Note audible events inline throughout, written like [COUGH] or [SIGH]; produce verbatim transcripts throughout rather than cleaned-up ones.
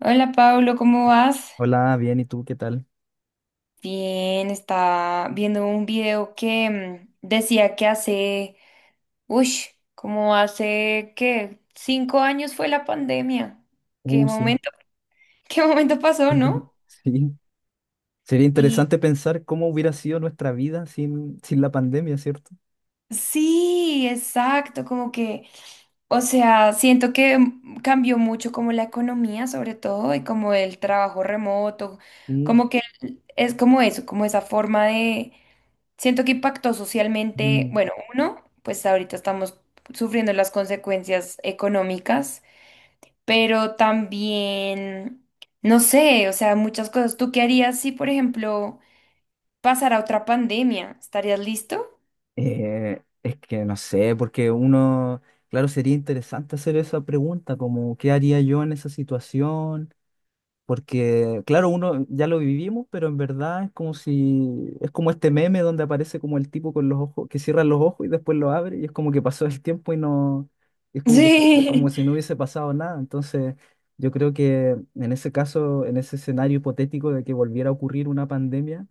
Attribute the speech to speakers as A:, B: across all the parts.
A: Hola Pablo, ¿cómo vas?
B: Hola, bien, ¿y tú qué tal?
A: Bien, estaba viendo un video que mm, decía que hace, uy, como hace que cinco años fue la pandemia. ¿Qué
B: Uh, sí,
A: momento, [LAUGHS] qué momento
B: sí.
A: pasó,
B: [LAUGHS]
A: no?
B: Sí. Sería
A: Y
B: interesante pensar cómo hubiera sido nuestra vida sin, sin la pandemia, ¿cierto?
A: sí, exacto, como que, o sea, siento que mm, cambió mucho como la economía, sobre todo, y como el trabajo remoto,
B: Sí.
A: como que mm, es como eso, como esa forma de. Siento que impactó socialmente.
B: Mm.
A: Bueno, uno, pues ahorita estamos sufriendo las consecuencias económicas, pero también, no sé, o sea, muchas cosas. ¿Tú qué harías si, por ejemplo, pasara otra pandemia? ¿Estarías listo?
B: Eh, es que no sé, porque uno, claro, sería interesante hacer esa pregunta, como, ¿qué haría yo en esa situación? Porque, claro, uno ya lo vivimos, pero en verdad es como si, es como este meme donde aparece como el tipo con los ojos, que cierra los ojos y después lo abre, y es como que pasó el tiempo y no, es como que, se- como
A: Sí,
B: si no hubiese pasado nada. Entonces, yo creo que en ese caso, en ese escenario hipotético de que volviera a ocurrir una pandemia,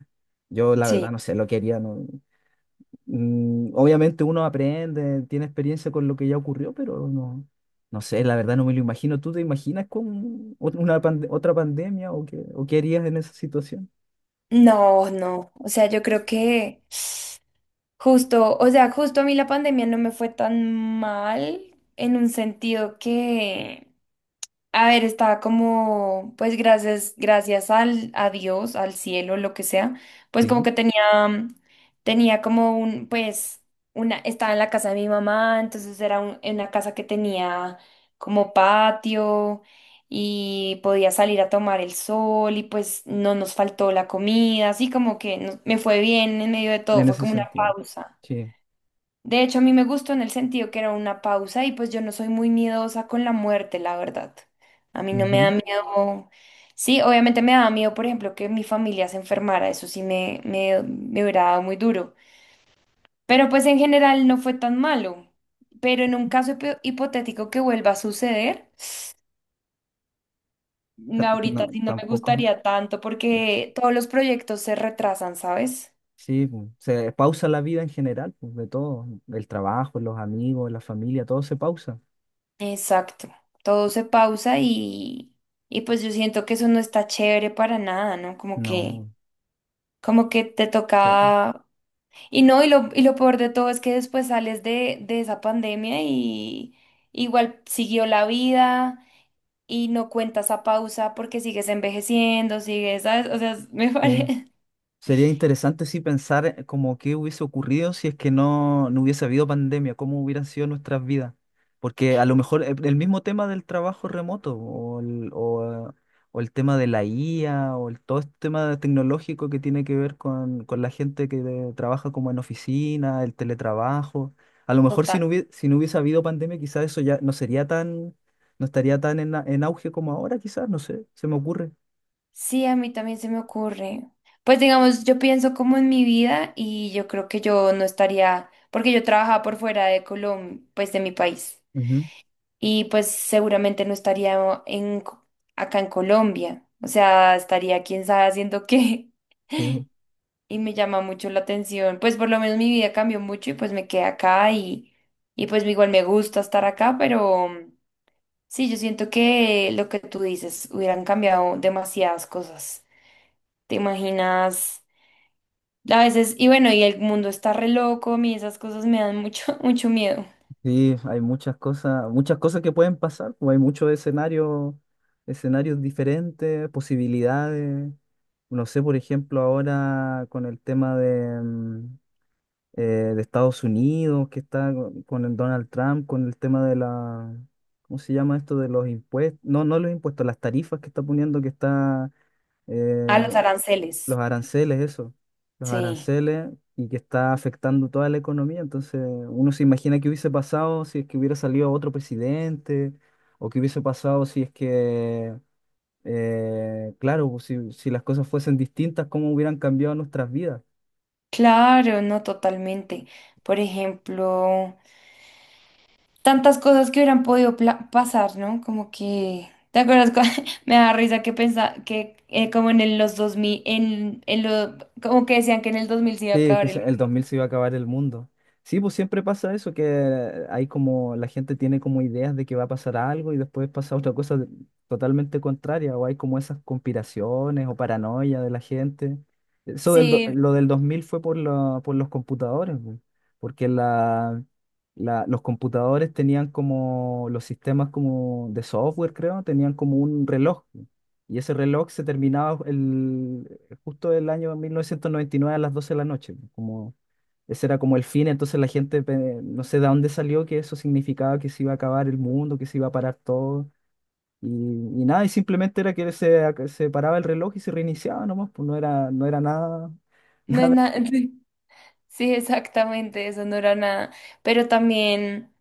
B: yo la
A: [LAUGHS]
B: verdad
A: sí.
B: no sé lo que haría, no. Mm, obviamente uno aprende, tiene experiencia con lo que ya ocurrió, pero no, no sé, la verdad no me lo imagino. ¿Tú te imaginas con ot- una pande- otra pandemia o qué, o qué harías en esa situación?
A: No, no. O sea, yo creo que justo, o sea, justo a mí la pandemia no me fue tan mal en un sentido que... A ver, estaba como, pues gracias, gracias al, a Dios, al cielo, lo que sea, pues como
B: Sí,
A: que tenía, mm, tenía como un, pues, una, estaba en la casa de mi mamá, entonces era un- en una casa que tenía como patio y podía salir a tomar el sol y pues no nos faltó la comida, así como que no- me fue bien en medio de todo,
B: en
A: fue
B: ese
A: como una
B: sentido.
A: pausa.
B: Sí.
A: De hecho, a mí me gustó en el sentido que era una pausa y pues yo no soy muy miedosa con la muerte, la verdad. A mí no me da
B: Ujú.
A: miedo. Sí, obviamente me daba miedo, por ejemplo, que mi familia se enfermara. Eso sí me, me, me hubiera dado muy duro. Pero pues en general no fue tan malo. Pero en un caso hipo- hipotético que vuelva a suceder, [SIGHS]
B: Ta-
A: ahorita
B: No,
A: sí no me
B: tampoco.
A: gustaría tanto porque todos los proyectos se retrasan, ¿sabes?
B: Sí, pu, se pausa la vida en general, pues, de todo, el trabajo, los amigos, la familia, todo se pausa.
A: Exacto, todo se pausa y, y pues yo siento que eso no está chévere para nada, ¿no? Como que,
B: No,
A: como que te
B: to-
A: toca... Y no, y lo, y lo peor de todo es que después sales de, de esa pandemia y igual siguió la vida y no cuentas a pausa porque sigues envejeciendo, sigues, ¿sabes? O sea, me
B: sí.
A: parece
B: Sería interesante sí pensar eh, como qué hubiese ocurrido si es que no, no hubiese habido pandemia, cómo hubieran sido nuestras vidas. Porque a lo mejor eh, el mismo tema del trabajo remoto o el, o, eh, o el tema de la I A o el, todo este tema tecnológico que tiene que ver con, con la gente que de- trabaja como en oficina, el teletrabajo. A lo
A: [LAUGHS]
B: mejor si
A: total.
B: no hubiese, si no hubiese habido pandemia, quizás eso ya no sería tan, no estaría tan en, a- en auge como ahora, quizás, no sé, se me ocurre.
A: Sí, a mí también se me ocurre. Pues digamos, yo pienso como en mi vida y yo creo que yo no estaría, porque yo trabajaba por fuera de Colombia, pues de mi país,
B: Ujú.
A: y pues seguramente no estaría en, Co- acá en Colombia, o sea, estaría quién sabe haciendo [LAUGHS] qué,
B: Sí.
A: y me llama mucho la atención, pues por lo menos mi vida cambió mucho y pues me quedé acá y, y pues igual me gusta estar acá, pero mm, sí, yo siento que lo que tú dices, hubieran cambiado demasiadas cosas. ¿Te imaginas? A veces, y bueno, y el mundo está re loco, a mí esas cosas me dan mucho, [LAUGHS] mucho miedo.
B: Sí, hay muchas cosas, muchas cosas que pueden pasar, pues hay muchos escenarios, escenarios diferentes, posibilidades. No sé, por ejemplo, ahora con el tema de, mm, eh, de Estados Unidos, que está con con el Donald Trump, con el tema de la, ¿cómo se llama esto? De los impuestos, no, no los impuestos, las tarifas que está poniendo, que está eh,
A: A los aranceles.
B: los aranceles, eso, los
A: Sí,
B: aranceles, y que está afectando toda la economía. Entonces, uno se imagina qué hubiese pasado si es que hubiera salido otro presidente o qué hubiese pasado si es que, eh, claro, pues, si, si las cosas fuesen distintas, cómo hubieran cambiado nuestras vidas.
A: claro, no, totalmente. Por ejemplo, tantas cosas que hubieran podido pla- pasar, ¿no? Como que, ¿te acuerdas? Cua- [LAUGHS] Me da risa que pensaba que eh, como en el- los dos mil en, en lo, como que decían que en el dos mil se iba a
B: Sí, que
A: acabar el...
B: se-
A: mundo.
B: el dos mil se iba a acabar el mundo. Sí, pues siempre pasa eso, que hay como, la gente tiene como ideas de que va a pasar algo y después pasa otra cosa de- totalmente contraria, o hay como esas conspiraciones o paranoia de la gente. Eso del, do-
A: Sí,
B: lo del dos mil fue por, la- por los computadores, bu, porque la, la- los computadores tenían como, los sistemas como de software, creo, tenían como un reloj. Bu, y ese reloj se terminaba justo el año mil novecientos noventa y nueve a las doce de la noche, pues, como ese era como el fin, entonces la gente pe- no sé de dónde salió que eso significaba que se iba a acabar el mundo, que se iba a parar todo y, y nada, y simplemente era que se, ac- se paraba el reloj y se reiniciaba nomás, pues no era, no era nada, [LAUGHS]
A: no es
B: nada.
A: nada. [LAUGHS] Sí, exactamente, eso no era nada. Pero también...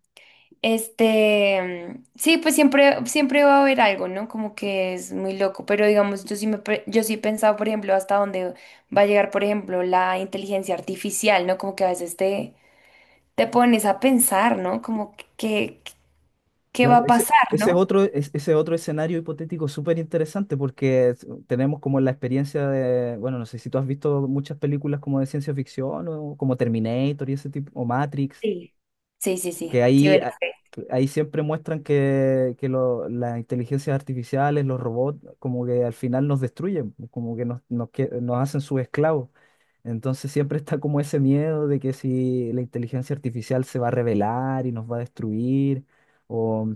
A: Este, sí, pues siempre, siempre va a haber algo, ¿no? Como que es muy loco, pero digamos, yo sí me, pre- yo sí he pensado, por ejemplo, hasta dónde va a llegar, por ejemplo, la inteligencia artificial, ¿no? Como que a veces te, te pones a pensar, ¿no? Como que, que- ¿qué va
B: Claro,
A: a
B: ese,
A: pasar,
B: ese es
A: ¿no?
B: otro, es- ese es otro escenario hipotético súper interesante porque es- tenemos como la experiencia de, bueno, no sé si tú has visto muchas películas como de ciencia ficción o como Terminator y ese tipo, o Matrix.
A: Sí. Sí, sí, sí,
B: Que
A: sí,
B: ahí,
A: ¿verdad?
B: a- que ahí siempre muestran que, que lo- las inteligencias artificiales, los robots, como que al final nos destruyen, como que nos, nos, que- nos hacen sus esclavos. Entonces siempre está como ese miedo de que si la inteligencia artificial se va a rebelar y nos va a destruir, o,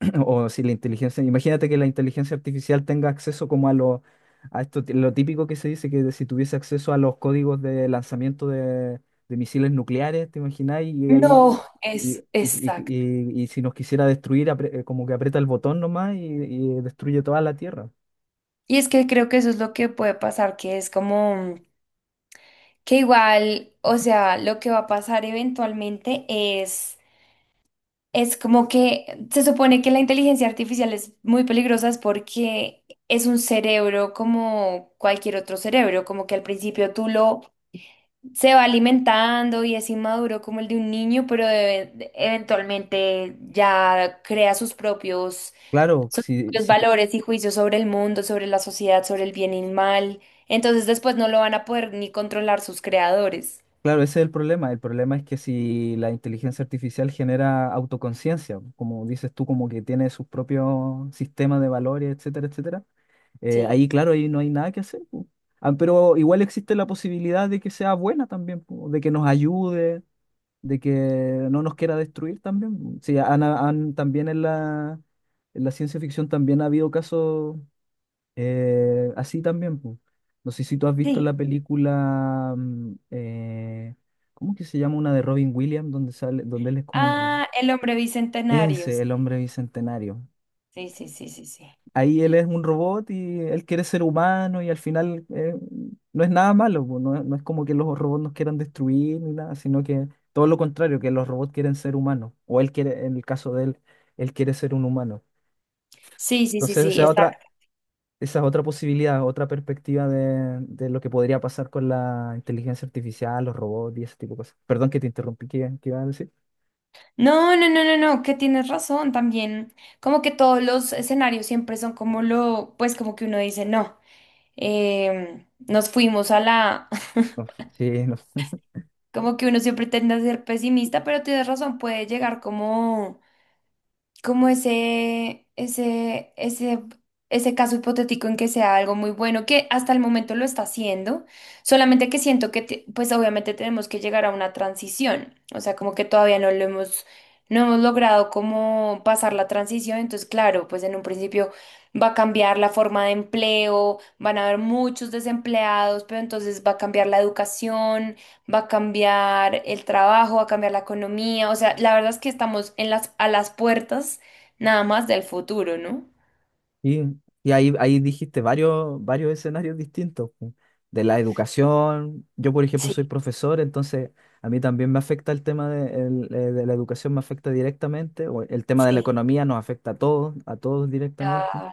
B: [CLEARS THROAT] o si la inteligencia, imagínate que la inteligencia artificial tenga acceso como a lo, a esto, lo típico que se dice, que si tuviese acceso a los códigos de lanzamiento de, de misiles nucleares, ¿te imagináis? Y ahí
A: No,
B: y,
A: es
B: y, y-
A: exacto.
B: y- y si nos quisiera destruir, apre- eh, como que aprieta el botón nomás y, y destruye toda la Tierra.
A: Y es que creo que eso es lo que puede pasar, que es como mm, que igual, o sea, lo que va a pasar eventualmente es. Es como que se supone que la inteligencia artificial es muy peligrosa es porque es un cerebro como cualquier otro cerebro, como que al principio tú lo se va alimentando y es inmaduro como el de un niño, pero e- eventualmente ya crea sus propios,
B: Claro,
A: sus
B: si,
A: propios
B: si que-
A: valores y juicios sobre el mundo, sobre la sociedad, sobre el bien y el mal. Entonces después no lo van a poder ni controlar sus creadores.
B: claro, ese es el problema. El problema es que si la inteligencia artificial genera autoconciencia, como dices tú, como que tiene sus propios sistemas de valores, etcétera, etcétera, eh,
A: Sí.
B: ahí, claro, ahí no hay nada que hacer, po. Ah, pero igual existe la posibilidad de que sea buena también, po, de que nos ayude, de que no nos quiera destruir también. Sí, han, han- también en la, en la ciencia ficción también ha habido casos eh, así también, po. No sé si tú has visto la
A: Sí.
B: película, mm, eh, ¿cómo que se llama? Una de Robin Williams, donde sale, donde él es como un...
A: Ah, el hombre bicentenario.
B: Ese, el hombre bicentenario.
A: Sí, sí, sí, sí, sí. sí.
B: Ahí él es un robot y él quiere ser humano y al final eh, no es nada malo, pues, no, no es como que los robots nos quieran destruir ni nada, sino que todo lo contrario, que los robots quieren ser humanos, o él quiere, en el caso de él, él quiere ser un humano.
A: Sí, sí, sí,
B: Entonces
A: sí,
B: esa otra,
A: exacto.
B: esa es otra posibilidad, otra perspectiva de, de lo que podría pasar con la inteligencia artificial, los robots y ese tipo de cosas. Perdón que te interrumpí, ¿qué, qué iba a decir?
A: No, no, no, no, no, que tienes razón también. Como que todos los escenarios siempre son como lo, pues como que uno dice, no, em, nos fuimos a la,
B: No, sí, no.
A: [LAUGHS] como que uno siempre tiende a ser pesimista, pero tienes razón, puede llegar como... como ese, ese, ese, ese caso hipotético en que sea algo muy bueno, que hasta el momento lo está haciendo, solamente que siento que, te- pues obviamente tenemos que llegar a una transición, o sea, como que todavía no lo hemos, no hemos logrado como pasar la transición, entonces claro, pues en un principio va a cambiar la forma de empleo, van a haber muchos desempleados, pero entonces va a cambiar la educación, va a cambiar el trabajo, va a cambiar la economía. O sea, la verdad es que estamos en las, a las puertas nada más del futuro, ¿no?
B: Y, y ahí, ahí dijiste varios, varios escenarios distintos, pu, de la educación. Yo, por ejemplo,
A: Sí,
B: soy profesor, entonces a mí también me afecta el tema de, el, eh, de la educación, me afecta directamente, o el tema de la
A: sí.
B: economía nos afecta a todos, a todos directamente.
A: Claro.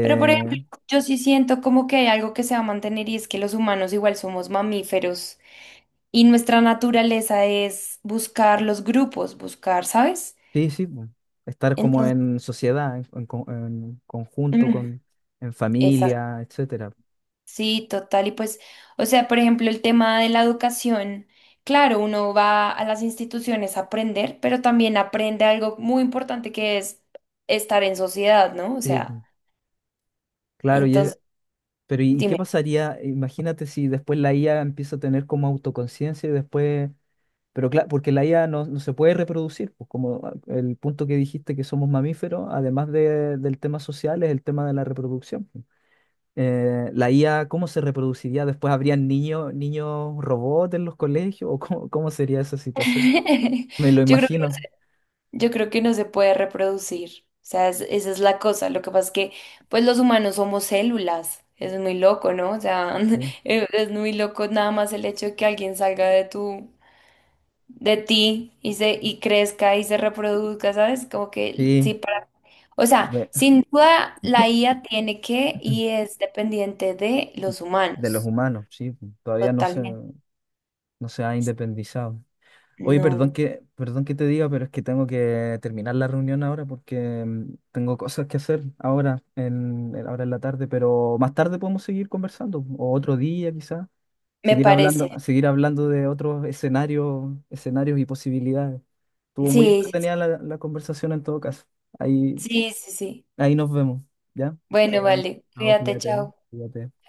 A: Pero por ejemplo, yo sí siento como que hay algo que se va a mantener y es que los humanos igual somos mamíferos y nuestra naturaleza es buscar los grupos, buscar, ¿sabes?
B: sí, sí, pu, estar como
A: Entonces,
B: en sociedad, en, en co- en conjunto,
A: mm,
B: con, en
A: exacto.
B: familia, etcétera.
A: Sí, total. Y pues, o sea, por ejemplo, el tema de la educación, claro, uno va a las instituciones a aprender, pero también aprende algo muy importante que es estar en sociedad, ¿no? O
B: Sí,
A: sea,
B: pu, claro, y es-
A: entonces,
B: pero ¿y qué
A: dime,
B: pasaría? Imagínate si después la I A empieza a tener como autoconciencia y después. Pero claro, porque la I A no, no se puede reproducir, pues como a- el punto que dijiste que somos mamíferos, además de- del tema social, es el tema de la reproducción, pues. Eh, la I A, ¿cómo se reproduciría? ¿Después habrían niños, niños robots en los colegios? ¿O cómo, cómo sería esa situación?
A: [LAUGHS]
B: Me lo
A: yo creo que,
B: imagino.
A: yo creo que no se puede reproducir. O sea, es- esa es la cosa. Lo que pasa es que, pues, los humanos somos células. Es muy loco, ¿no? O sea,
B: Sí.
A: [LAUGHS] es es muy loco nada más el hecho de que alguien salga de tu de ti y se y crezca y se reproduzca, ¿sabes? Como que sí
B: Sí,
A: para, o sea,
B: me-
A: sin duda la I A tiene que y
B: [CLEARS THROAT]
A: es dependiente de los
B: de los
A: humanos,
B: humanos, sí, pues, todavía no se,
A: totalmente.
B: no se ha independizado. Oye, perdón
A: No,
B: que, perdón que te diga, pero es que tengo que terminar la reunión ahora porque mm, tengo cosas que hacer ahora en, en- ahora en la tarde, pero más tarde podemos seguir conversando, o otro día quizás,
A: me
B: seguir
A: parece.
B: hablando, seguir hablando de otros escenarios, escenarios y posibilidades. Estuvo muy
A: Sí, sí,
B: entretenida la, la conversación en todo caso. Ahí,
A: sí, sí, sí. sí.
B: ahí nos vemos, ¿ya?
A: Bueno,
B: Chao,
A: vale.
B: chao,
A: Cuídate,
B: cuídate,
A: chao.
B: cuídate.